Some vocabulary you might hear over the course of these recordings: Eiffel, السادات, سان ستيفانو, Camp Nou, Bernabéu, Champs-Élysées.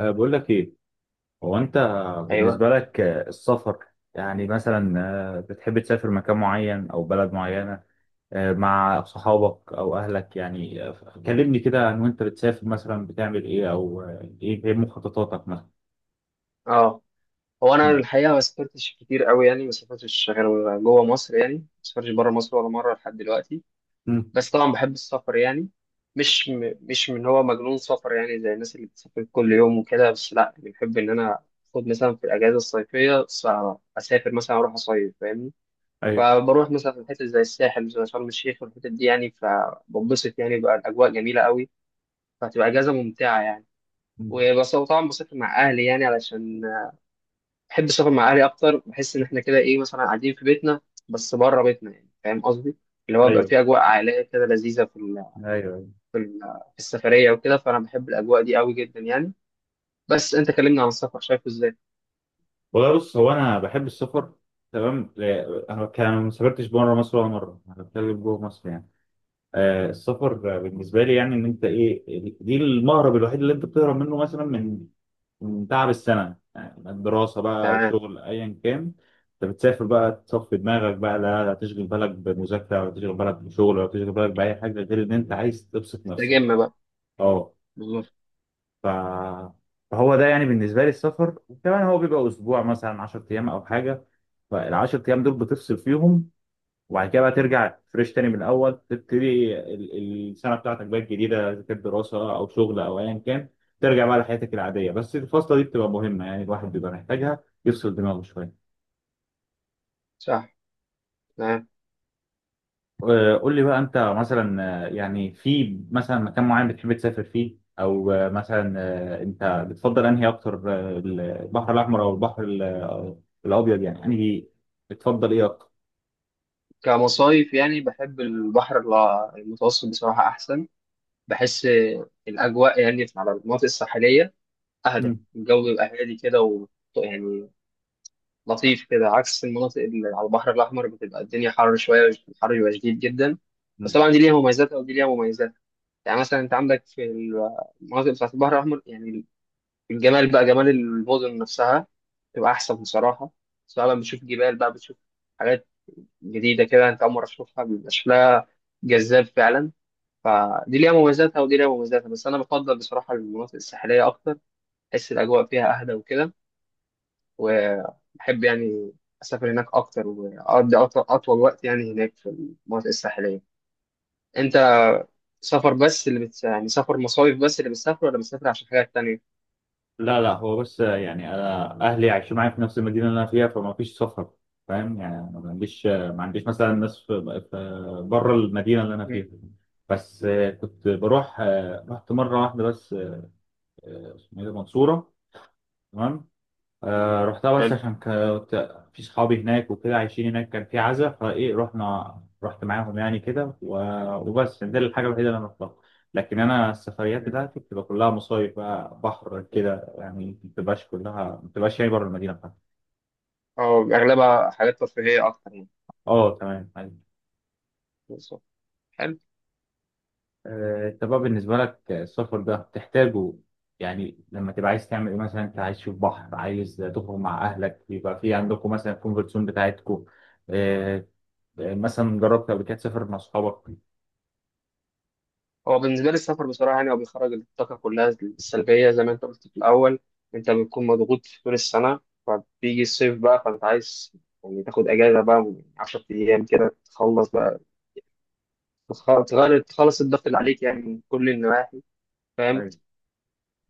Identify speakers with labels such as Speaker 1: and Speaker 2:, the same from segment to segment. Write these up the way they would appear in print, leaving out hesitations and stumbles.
Speaker 1: أه، بقول لك ايه، هو انت
Speaker 2: ايوه.
Speaker 1: بالنسبه لك السفر، يعني مثلا بتحب تسافر مكان معين او بلد معينه مع صحابك او اهلك؟ يعني كلمني كده عن وانت بتسافر مثلا بتعمل ايه، او إيه مخططاتك مثلا.
Speaker 2: اه هو انا
Speaker 1: مم.
Speaker 2: الحقيقه ما سافرتش كتير قوي، يعني ما سافرتش غير جوه مصر، يعني ما سافرتش بره مصر ولا مره لحد دلوقتي.
Speaker 1: مم.
Speaker 2: بس طبعا بحب السفر يعني. مش مش من هو مجنون سفر يعني زي الناس اللي بتسافر كل يوم وكده، بس لا، يعني بحب ان انا اخد مثلا في الاجازه الصيفيه اسافر مثلا اروح اصيف فاهمني.
Speaker 1: ايوه.
Speaker 2: فبروح مثلا في حتت زي الساحل زي شرم الشيخ والحتت دي يعني فبنبسط يعني بقى، الاجواء جميله قوي، فهتبقى اجازه ممتعه يعني.
Speaker 1: مم.
Speaker 2: وبس طبعا بسافر مع اهلي يعني، علشان بحب السفر مع اهلي اكتر، بحس ان احنا كده ايه مثلا قاعدين في بيتنا بس بره بيتنا، يعني فاهم قصدي، اللي هو بقى
Speaker 1: ايوه.
Speaker 2: في اجواء عائليه كده لذيذه في
Speaker 1: ايوه.
Speaker 2: في ال- في السفريه وكده، فانا بحب الاجواء دي قوي جدا يعني. بس انت كلمني عن السفر، شايفه ازاي؟
Speaker 1: والله بص، هو انا بحب السفر. تمام، لا، انا كان ما سافرتش بره مصر ولا مره، انا بتكلم جوه مصر يعني. السفر بالنسبة لي يعني إن أنت إيه، دي المهرب الوحيد اللي أنت بتهرب منه مثلا من تعب السنة، يعني الدراسة بقى أو
Speaker 2: تمام.
Speaker 1: شغل أيا كان. أنت بتسافر بقى تصفي دماغك بقى، لا لا تشغل بالك بمذاكرة ولا تشغل بالك بشغل ولا تشغل بالك بأي حاجة غير إن أنت عايز تبسط نفسك.
Speaker 2: تجمع بقى.
Speaker 1: أه
Speaker 2: بالظبط.
Speaker 1: ف... فهو ده يعني بالنسبة لي السفر، وكمان هو بيبقى أسبوع مثلا 10 أيام أو حاجة، فالعشر أيام دول بتفصل فيهم، وبعد كده بقى ترجع فريش تاني من الاول، تبتدي السنه بتاعتك بقى الجديده، اذا كانت دراسه او شغل او ايا كان، ترجع بقى لحياتك العاديه، بس الفاصله دي بتبقى مهمه، يعني الواحد بيبقى محتاجها يفصل دماغه شويه.
Speaker 2: صح. تمام.
Speaker 1: قول لي بقى انت مثلا، يعني في مثلا مكان معين بتحب تسافر فيه، او مثلا انت بتفضل انهي اكتر، البحر الاحمر او البحر الابيض، يعني انهي بتفضل ايه اكتر؟
Speaker 2: كمصايف يعني بحب البحر المتوسط بصراحه احسن، بحس الاجواء يعني على المناطق الساحليه اهدى، الجو بيبقى هادي كده و، يعني لطيف كده، عكس المناطق اللي على البحر الأحمر بتبقى الدنيا حر شوية، الحر بيبقى شديد جدا. بس طبعا
Speaker 1: مم.
Speaker 2: دي ليها مميزاتها ودي ليها مميزات، يعني مثلا أنت عندك في المناطق بتاعت البحر الأحمر يعني الجمال بقى، جمال المدن نفسها بتبقى أحسن بصراحة، سواء بقى بتشوف جبال بقى بتشوف حاجات جديدة كده، أنت أول مرة تشوفها بيبقى شكلها جذاب فعلا، فدي ليها مميزاتها ودي ليها مميزاتها، بس أنا بفضل بصراحة المناطق الساحلية أكتر، بحس الأجواء فيها أهدى وكده، وأحب يعني أسافر هناك أكتر، وأقضي أطول وقت يعني هناك في المناطق الساحلية. أنت سفر بس اللي يعني سفر مصايف بس اللي بتسافر، ولا بتسافر عشان حاجات تانية؟
Speaker 1: لا لا، هو بس يعني انا اهلي عايشين معايا في نفس المدينه اللي انا فيها، فما فيش سفر، فاهم يعني، أنا ما عنديش مثلا ناس في بره المدينه اللي انا
Speaker 2: مم.
Speaker 1: فيها. بس كنت بروح، رحت مره واحده بس، اسمه ايه ده، منصوره. تمام. رحتها بس
Speaker 2: حلو.
Speaker 1: عشان كنت في صحابي هناك وكده عايشين هناك، كان في عزا فايه، رحنا رحت معاهم يعني كده وبس، دي الحاجة الوحيدة اللي انا رحتها. لكن انا السفريات
Speaker 2: مم.
Speaker 1: بتاعتي بتبقى كلها مصايف بقى، بحر كده يعني، ما بتبقاش كلها، ما بتبقاش يعني بره المدينة بتاعتي.
Speaker 2: أو أغلبها حاجات ترفيهية أكتر يعني.
Speaker 1: اه تمام، أيوة.
Speaker 2: بالظبط. حلو.
Speaker 1: انت بقى بالنسبة لك السفر ده بتحتاجه، يعني لما تبقى عايز تعمل ايه مثلا، انت عايز تشوف بحر، عايز تخرج مع اهلك، بيبقى في عندكم مثلا الكونفرت زون بتاعتكم، آه، يعني مثلا جربت قبل كده تسافر مع اصحابك؟
Speaker 2: هو بالنسبة لي السفر بصراحة يعني هو بيخرج الطاقة كلها السلبية، زي ما أنت قلت في الأول، أنت بتكون مضغوط طول السنة، فبيجي الصيف بقى فأنت عايز يعني تاخد أجازة بقى من 10 أيام كده، تخلص بقى، تخ- تخلص الضغط اللي عليك يعني من كل النواحي، فاهم.
Speaker 1: ايوه.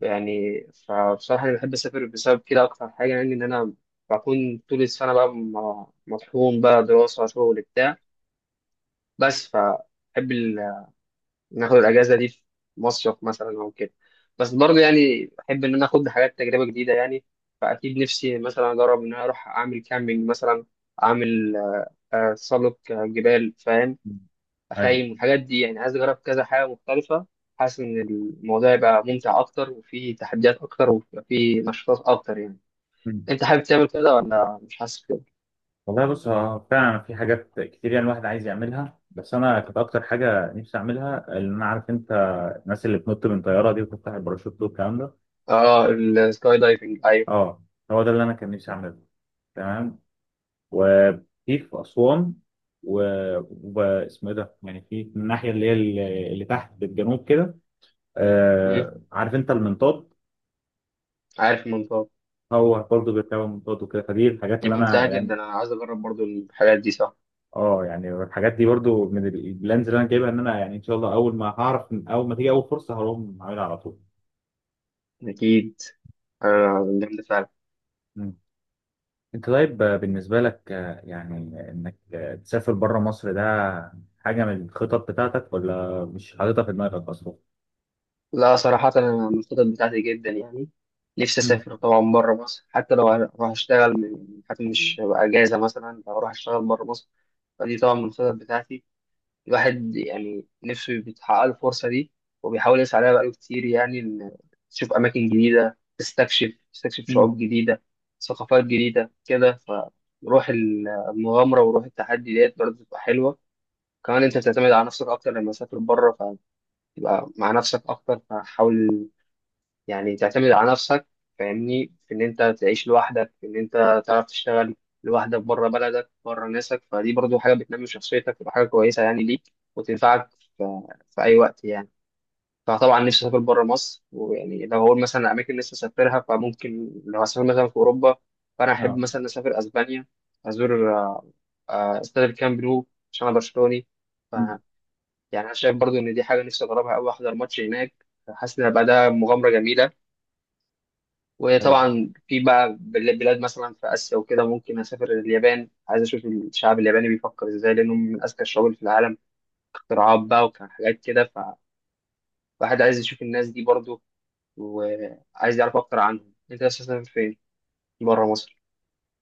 Speaker 2: يعني فبصراحة أنا بحب أسافر بسبب كده أكتر حاجة، يعني إن أنا بكون طول السنة بقى مطحون بقى، دراسة شغل بتاع، بس فبحب ناخد الأجازة دي في مصيف مثلا أو كده. بس برضه يعني أحب إن أنا آخد حاجات تجربة جديدة يعني، فأكيد نفسي مثلا أجرب إن أنا أروح أعمل كامبينج مثلا، أعمل تسلق جبال، فاهم،
Speaker 1: ايوه.
Speaker 2: اخيم والحاجات دي يعني، عايز اجرب كذا حاجه مختلفه، حاسس ان الموضوع يبقى ممتع اكتر وفيه تحديات اكتر ويبقى فيه نشاطات اكتر يعني.
Speaker 1: مم.
Speaker 2: انت حابب تعمل كده، ولا مش حاسس كده؟
Speaker 1: والله بص، هو فعلا في حاجات كتير يعني الواحد عايز يعملها، بس انا كانت اكتر حاجه نفسي اعملها، اللي انا عارف انت الناس اللي بتنط من طياره دي وتفتح الباراشوت والكلام ده.
Speaker 2: اه، السكاي دايفنج، ايوه.
Speaker 1: اه، هو ده اللي انا كان نفسي اعمله. تمام. وفي في اسوان و... واسمه ايه ده، يعني في من الناحيه اللي هي اللي تحت بالجنوب كده،
Speaker 2: مم.
Speaker 1: عارف انت المنطاد،
Speaker 2: عارف المنطقه.
Speaker 1: هو برضه بيركبوا منطاد وكده، فدي الحاجات
Speaker 2: دي
Speaker 1: اللي
Speaker 2: ممتعه
Speaker 1: انا
Speaker 2: جدا،
Speaker 1: يعني.
Speaker 2: انا عايز اجرب برضو الحاجات دي، صح،
Speaker 1: اه، يعني الحاجات دي برضو من البلانز اللي انا جايبها، ان انا يعني ان شاء الله اول ما هعرف اول ما تيجي اول فرصه هقوم عاملها على طول.
Speaker 2: اكيد. آه جامده فعلا.
Speaker 1: مم. انت طيب، بالنسبه لك يعني انك تسافر بره مصر ده، حاجه من الخطط بتاعتك ولا مش حاططها في دماغك اصلا؟
Speaker 2: لا، صراحه انا من الخطط بتاعتي جدا يعني، نفسي
Speaker 1: مم.
Speaker 2: اسافر طبعا بره مصر، حتى لو هروح اشتغل حتى مش هبقى اجازه، مثلا لو اروح اشتغل بره مصر، فدي طبعا من الخطط بتاعتي. الواحد يعني نفسه بيتحقق له الفرصة دي، وبيحاول يسعى لها بقاله كتير، يعني إن تشوف أماكن جديدة، تستكشف
Speaker 1: مم.
Speaker 2: شعوب جديدة، ثقافات جديدة كده، فروح المغامرة وروح التحدي ديت برضه بتبقى حلوة. كمان أنت بتعتمد على نفسك أكتر لما تسافر بره، فتبقى مع نفسك أكتر، فحاول يعني تعتمد على نفسك، فاهمني، في ان انت تعيش لوحدك، في ان انت تعرف تشتغل لوحدك بره بلدك بره ناسك، فدي برضو حاجه بتنمي شخصيتك، وتبقى حاجه كويسه يعني ليك، وتنفعك في, في اي وقت يعني. فطبعا نفسي اسافر بره مصر، ويعني لو هقول مثلا اماكن نفسي اسافرها، فممكن لو هسافر مثلا في اوروبا فانا احب
Speaker 1: اه.
Speaker 2: مثلا اسافر اسبانيا، ازور استاد الكامب نو، عشان انا برشلوني. ف
Speaker 1: مم.
Speaker 2: يعني انا شايف برضو ان دي حاجه نفسي اجربها قوي، احضر ماتش هناك، حاسس ان هيبقى ده مغامره جميله.
Speaker 1: طيب.
Speaker 2: وطبعا في بقى بلاد مثلا في آسيا وكده، ممكن أسافر اليابان، عايز أشوف الشعب الياباني بيفكر إزاي، لأنهم من أذكى الشعوب اللي في العالم، اختراعات بقى وحاجات كده، فالواحد عايز يشوف الناس دي برضو، وعايز يعرف أكتر عنهم. أنت عايز تسافر فين؟ بره مصر.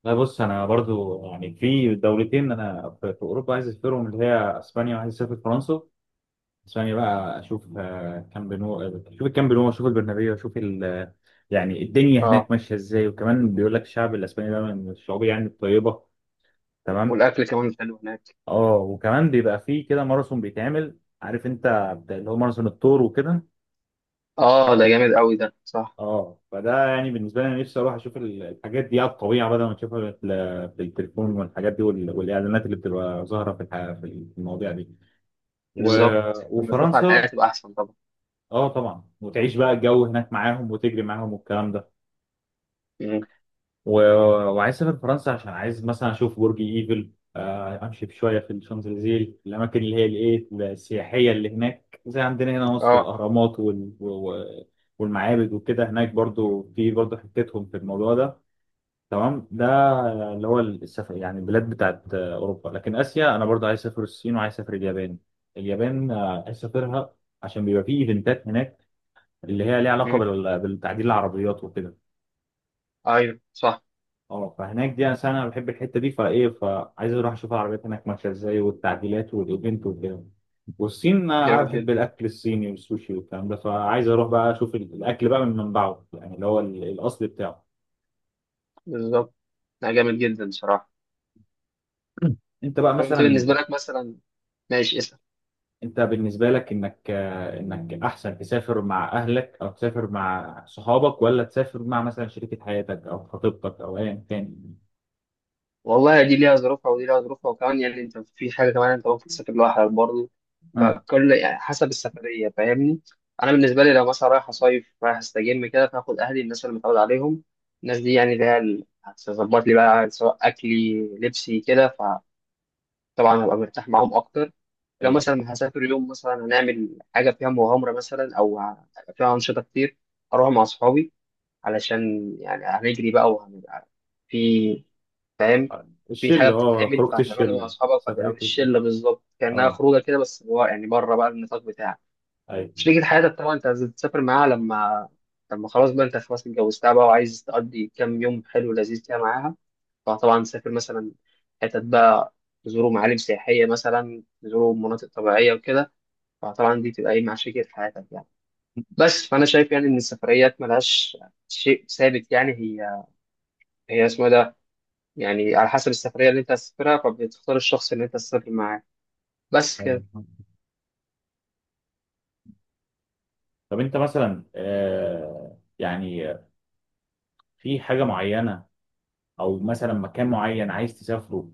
Speaker 1: لا بص، انا برضو يعني في دولتين انا في اوروبا عايز اسافرهم، اللي هي اسبانيا وعايز اسافر فرنسا ثانية بقى، أشوف كامب نو، أشوف الكامب نو، أشوف البرنابيو، أشوف يعني الدنيا
Speaker 2: أه.
Speaker 1: هناك ماشية إزاي، وكمان بيقول لك الشعب الأسباني ده من الشعوب يعني الطيبة. تمام.
Speaker 2: والأكل كمان حلو هناك.
Speaker 1: أه، وكمان بيبقى فيه كده ماراثون بيتعمل، عارف أنت اللي هو ماراثون الثور وكده.
Speaker 2: أه ده جامد أوي، ده صح.
Speaker 1: أه، فده يعني بالنسبة لي أنا نفسي أروح أشوف الحاجات دي على الطبيعة، بدل ما تشوفها في في التليفون والحاجات دي والإعلانات اللي بتبقى ظاهرة في في المواضيع دي. و...
Speaker 2: بالظبط، لما تشوف على الحياة
Speaker 1: وفرنسا،
Speaker 2: تبقى أحسن طبعا.
Speaker 1: أه طبعا، وتعيش بقى الجو هناك معاهم وتجري معاهم والكلام ده.
Speaker 2: مم.
Speaker 1: و... وعايز اسافر فرنسا عشان عايز مثلا اشوف برج ايفل، امشي شويه في الشانزليزيه، الاماكن اللي هي الايه السياحيه اللي هناك زي عندنا هنا مصر
Speaker 2: أه.
Speaker 1: الاهرامات والمعابد وكده، هناك برضو في برضو حتتهم في الموضوع ده. تمام ده اللي هو السفر، يعني البلاد بتاعت اوروبا، لكن اسيا انا برضو عايز اسافر الصين وعايز اسافر اليابان، اليابان عايز اسافرها عشان بيبقى فيه ايفنتات هناك، اللي هي ليها علاقه
Speaker 2: مم.
Speaker 1: بالتعديل العربيات وكده.
Speaker 2: أيوه صح.
Speaker 1: اه، فهناك دي انا بحب الحته دي فايه، فعايز اروح اشوف العربيات هناك ماشيه ازاي والتعديلات والايفنت والجو. والصين انا
Speaker 2: جامد
Speaker 1: بحب
Speaker 2: جدا.
Speaker 1: الاكل الصيني والسوشي والكلام ده، فعايز اروح بقى اشوف الاكل بقى من منبعه، يعني اللي هو الاصل بتاعه.
Speaker 2: بالظبط. لا جامد جدا بصراحة.
Speaker 1: انت بقى
Speaker 2: طب أنت بالنسبة
Speaker 1: مثلا،
Speaker 2: لك مثلا، ماشي اسأل.
Speaker 1: انت بالنسبه لك انك احسن تسافر مع اهلك او تسافر مع صحابك ولا تسافر مع مثلا شريكه حياتك او خطيبتك او ايا كان؟
Speaker 2: والله دي ليها ظروفها ودي ليها ظروفها، وكمان يعني انت في حاجه كمان، انت ممكن تسافر لوحدك برضه،
Speaker 1: آه.
Speaker 2: فكل يعني حسب السفريه، فاهمني. انا بالنسبه لي لو مثلا رايح اصيف، رايح استجم كده، فاخد اهلي الناس اللي متعود عليهم، الناس دي يعني اللي هي اللي هتظبط لي بقى، سواء اكلي لبسي كده، فطبعا هبقى مرتاح معاهم اكتر. لو
Speaker 1: ايه
Speaker 2: مثلا هسافر يوم مثلا هنعمل حاجه فيها مغامره مثلا، او فيها انشطه كتير، اروح مع اصحابي، علشان يعني هنجري بقى وهنبقى في، فاهم، في حاجه
Speaker 1: الشله، اه
Speaker 2: بتتعمل
Speaker 1: خروجه
Speaker 2: فهتعملها مع
Speaker 1: الشله،
Speaker 2: اصحابك، فهتبقى
Speaker 1: سفريه
Speaker 2: مش
Speaker 1: الشله.
Speaker 2: شله بالظبط، كانها
Speaker 1: اه.
Speaker 2: خروجه كده، بس جوا يعني، بره بقى النطاق بتاعك.
Speaker 1: ايوه.
Speaker 2: شريكة حياتك طبعا انت عايز تسافر معاها لما خلاص بقى انت خلاص اتجوزتها بقى، وعايز تقضي كام يوم حلو لذيذ كده معاها، فطبعا تسافر مثلا حتت بقى، تزوروا معالم سياحيه مثلا، تزوروا مناطق طبيعيه وكده، فطبعا دي تبقى ايه مع شريكة حياتك يعني. بس فانا شايف يعني ان السفريات ملهاش شيء ثابت يعني، هي اسمها ده، يعني على حسب السفرية اللي أنت هتسافرها فبتختار الشخص اللي أنت هتسافر معاه، بس
Speaker 1: ايوه.
Speaker 2: كده.
Speaker 1: طب انت مثلا يعني في حاجه معينه او مثلا مكان معين عايز تسافره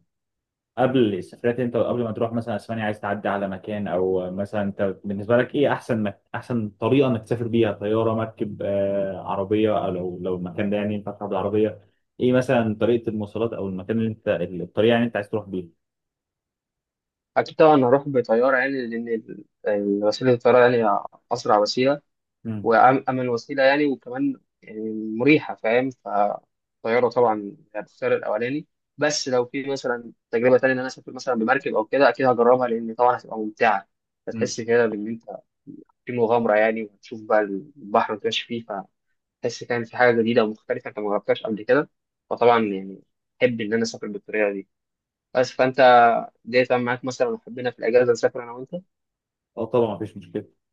Speaker 1: قبل السفرات، انت قبل ما تروح مثلا اسبانيا عايز تعدي على مكان، او مثلا انت بالنسبه لك ايه احسن احسن طريقه انك تسافر بيها، طياره، مركب، عربيه، او لو المكان ده يعني ينفع تروح بالعربيه، ايه مثلا طريقه المواصلات او المكان اللي انت الطريقه اللي انت عايز تروح بيها؟
Speaker 2: أكيد طبعا هروح بطيارة، يعني لأن وسيلة الطيارة يعني أسرع وسيلة،
Speaker 1: امم.
Speaker 2: وأمن وسيلة يعني، وكمان يعني مريحة، فاهم، فالطيارة طبعا هختار الأولاني. بس لو في مثلا تجربة تانية إن أنا أسافر مثلا بمركب أو كده، أكيد هجربها، لأن طبعا هتبقى ممتعة،
Speaker 1: امم.
Speaker 2: هتحس كده بإن أنت في مغامرة يعني، وهتشوف بقى البحر وتمشي فيه، تحس، فاهم، في حاجة جديدة ومختلفة أنت ما جربتهاش قبل كده، فطبعا يعني أحب إن أنا أسافر بالطريقة دي. بس فأنت ديت معاك مثلا، حبينا في الأجازة نسافر أنا وأنت
Speaker 1: اه طبعا مفيش مشكله.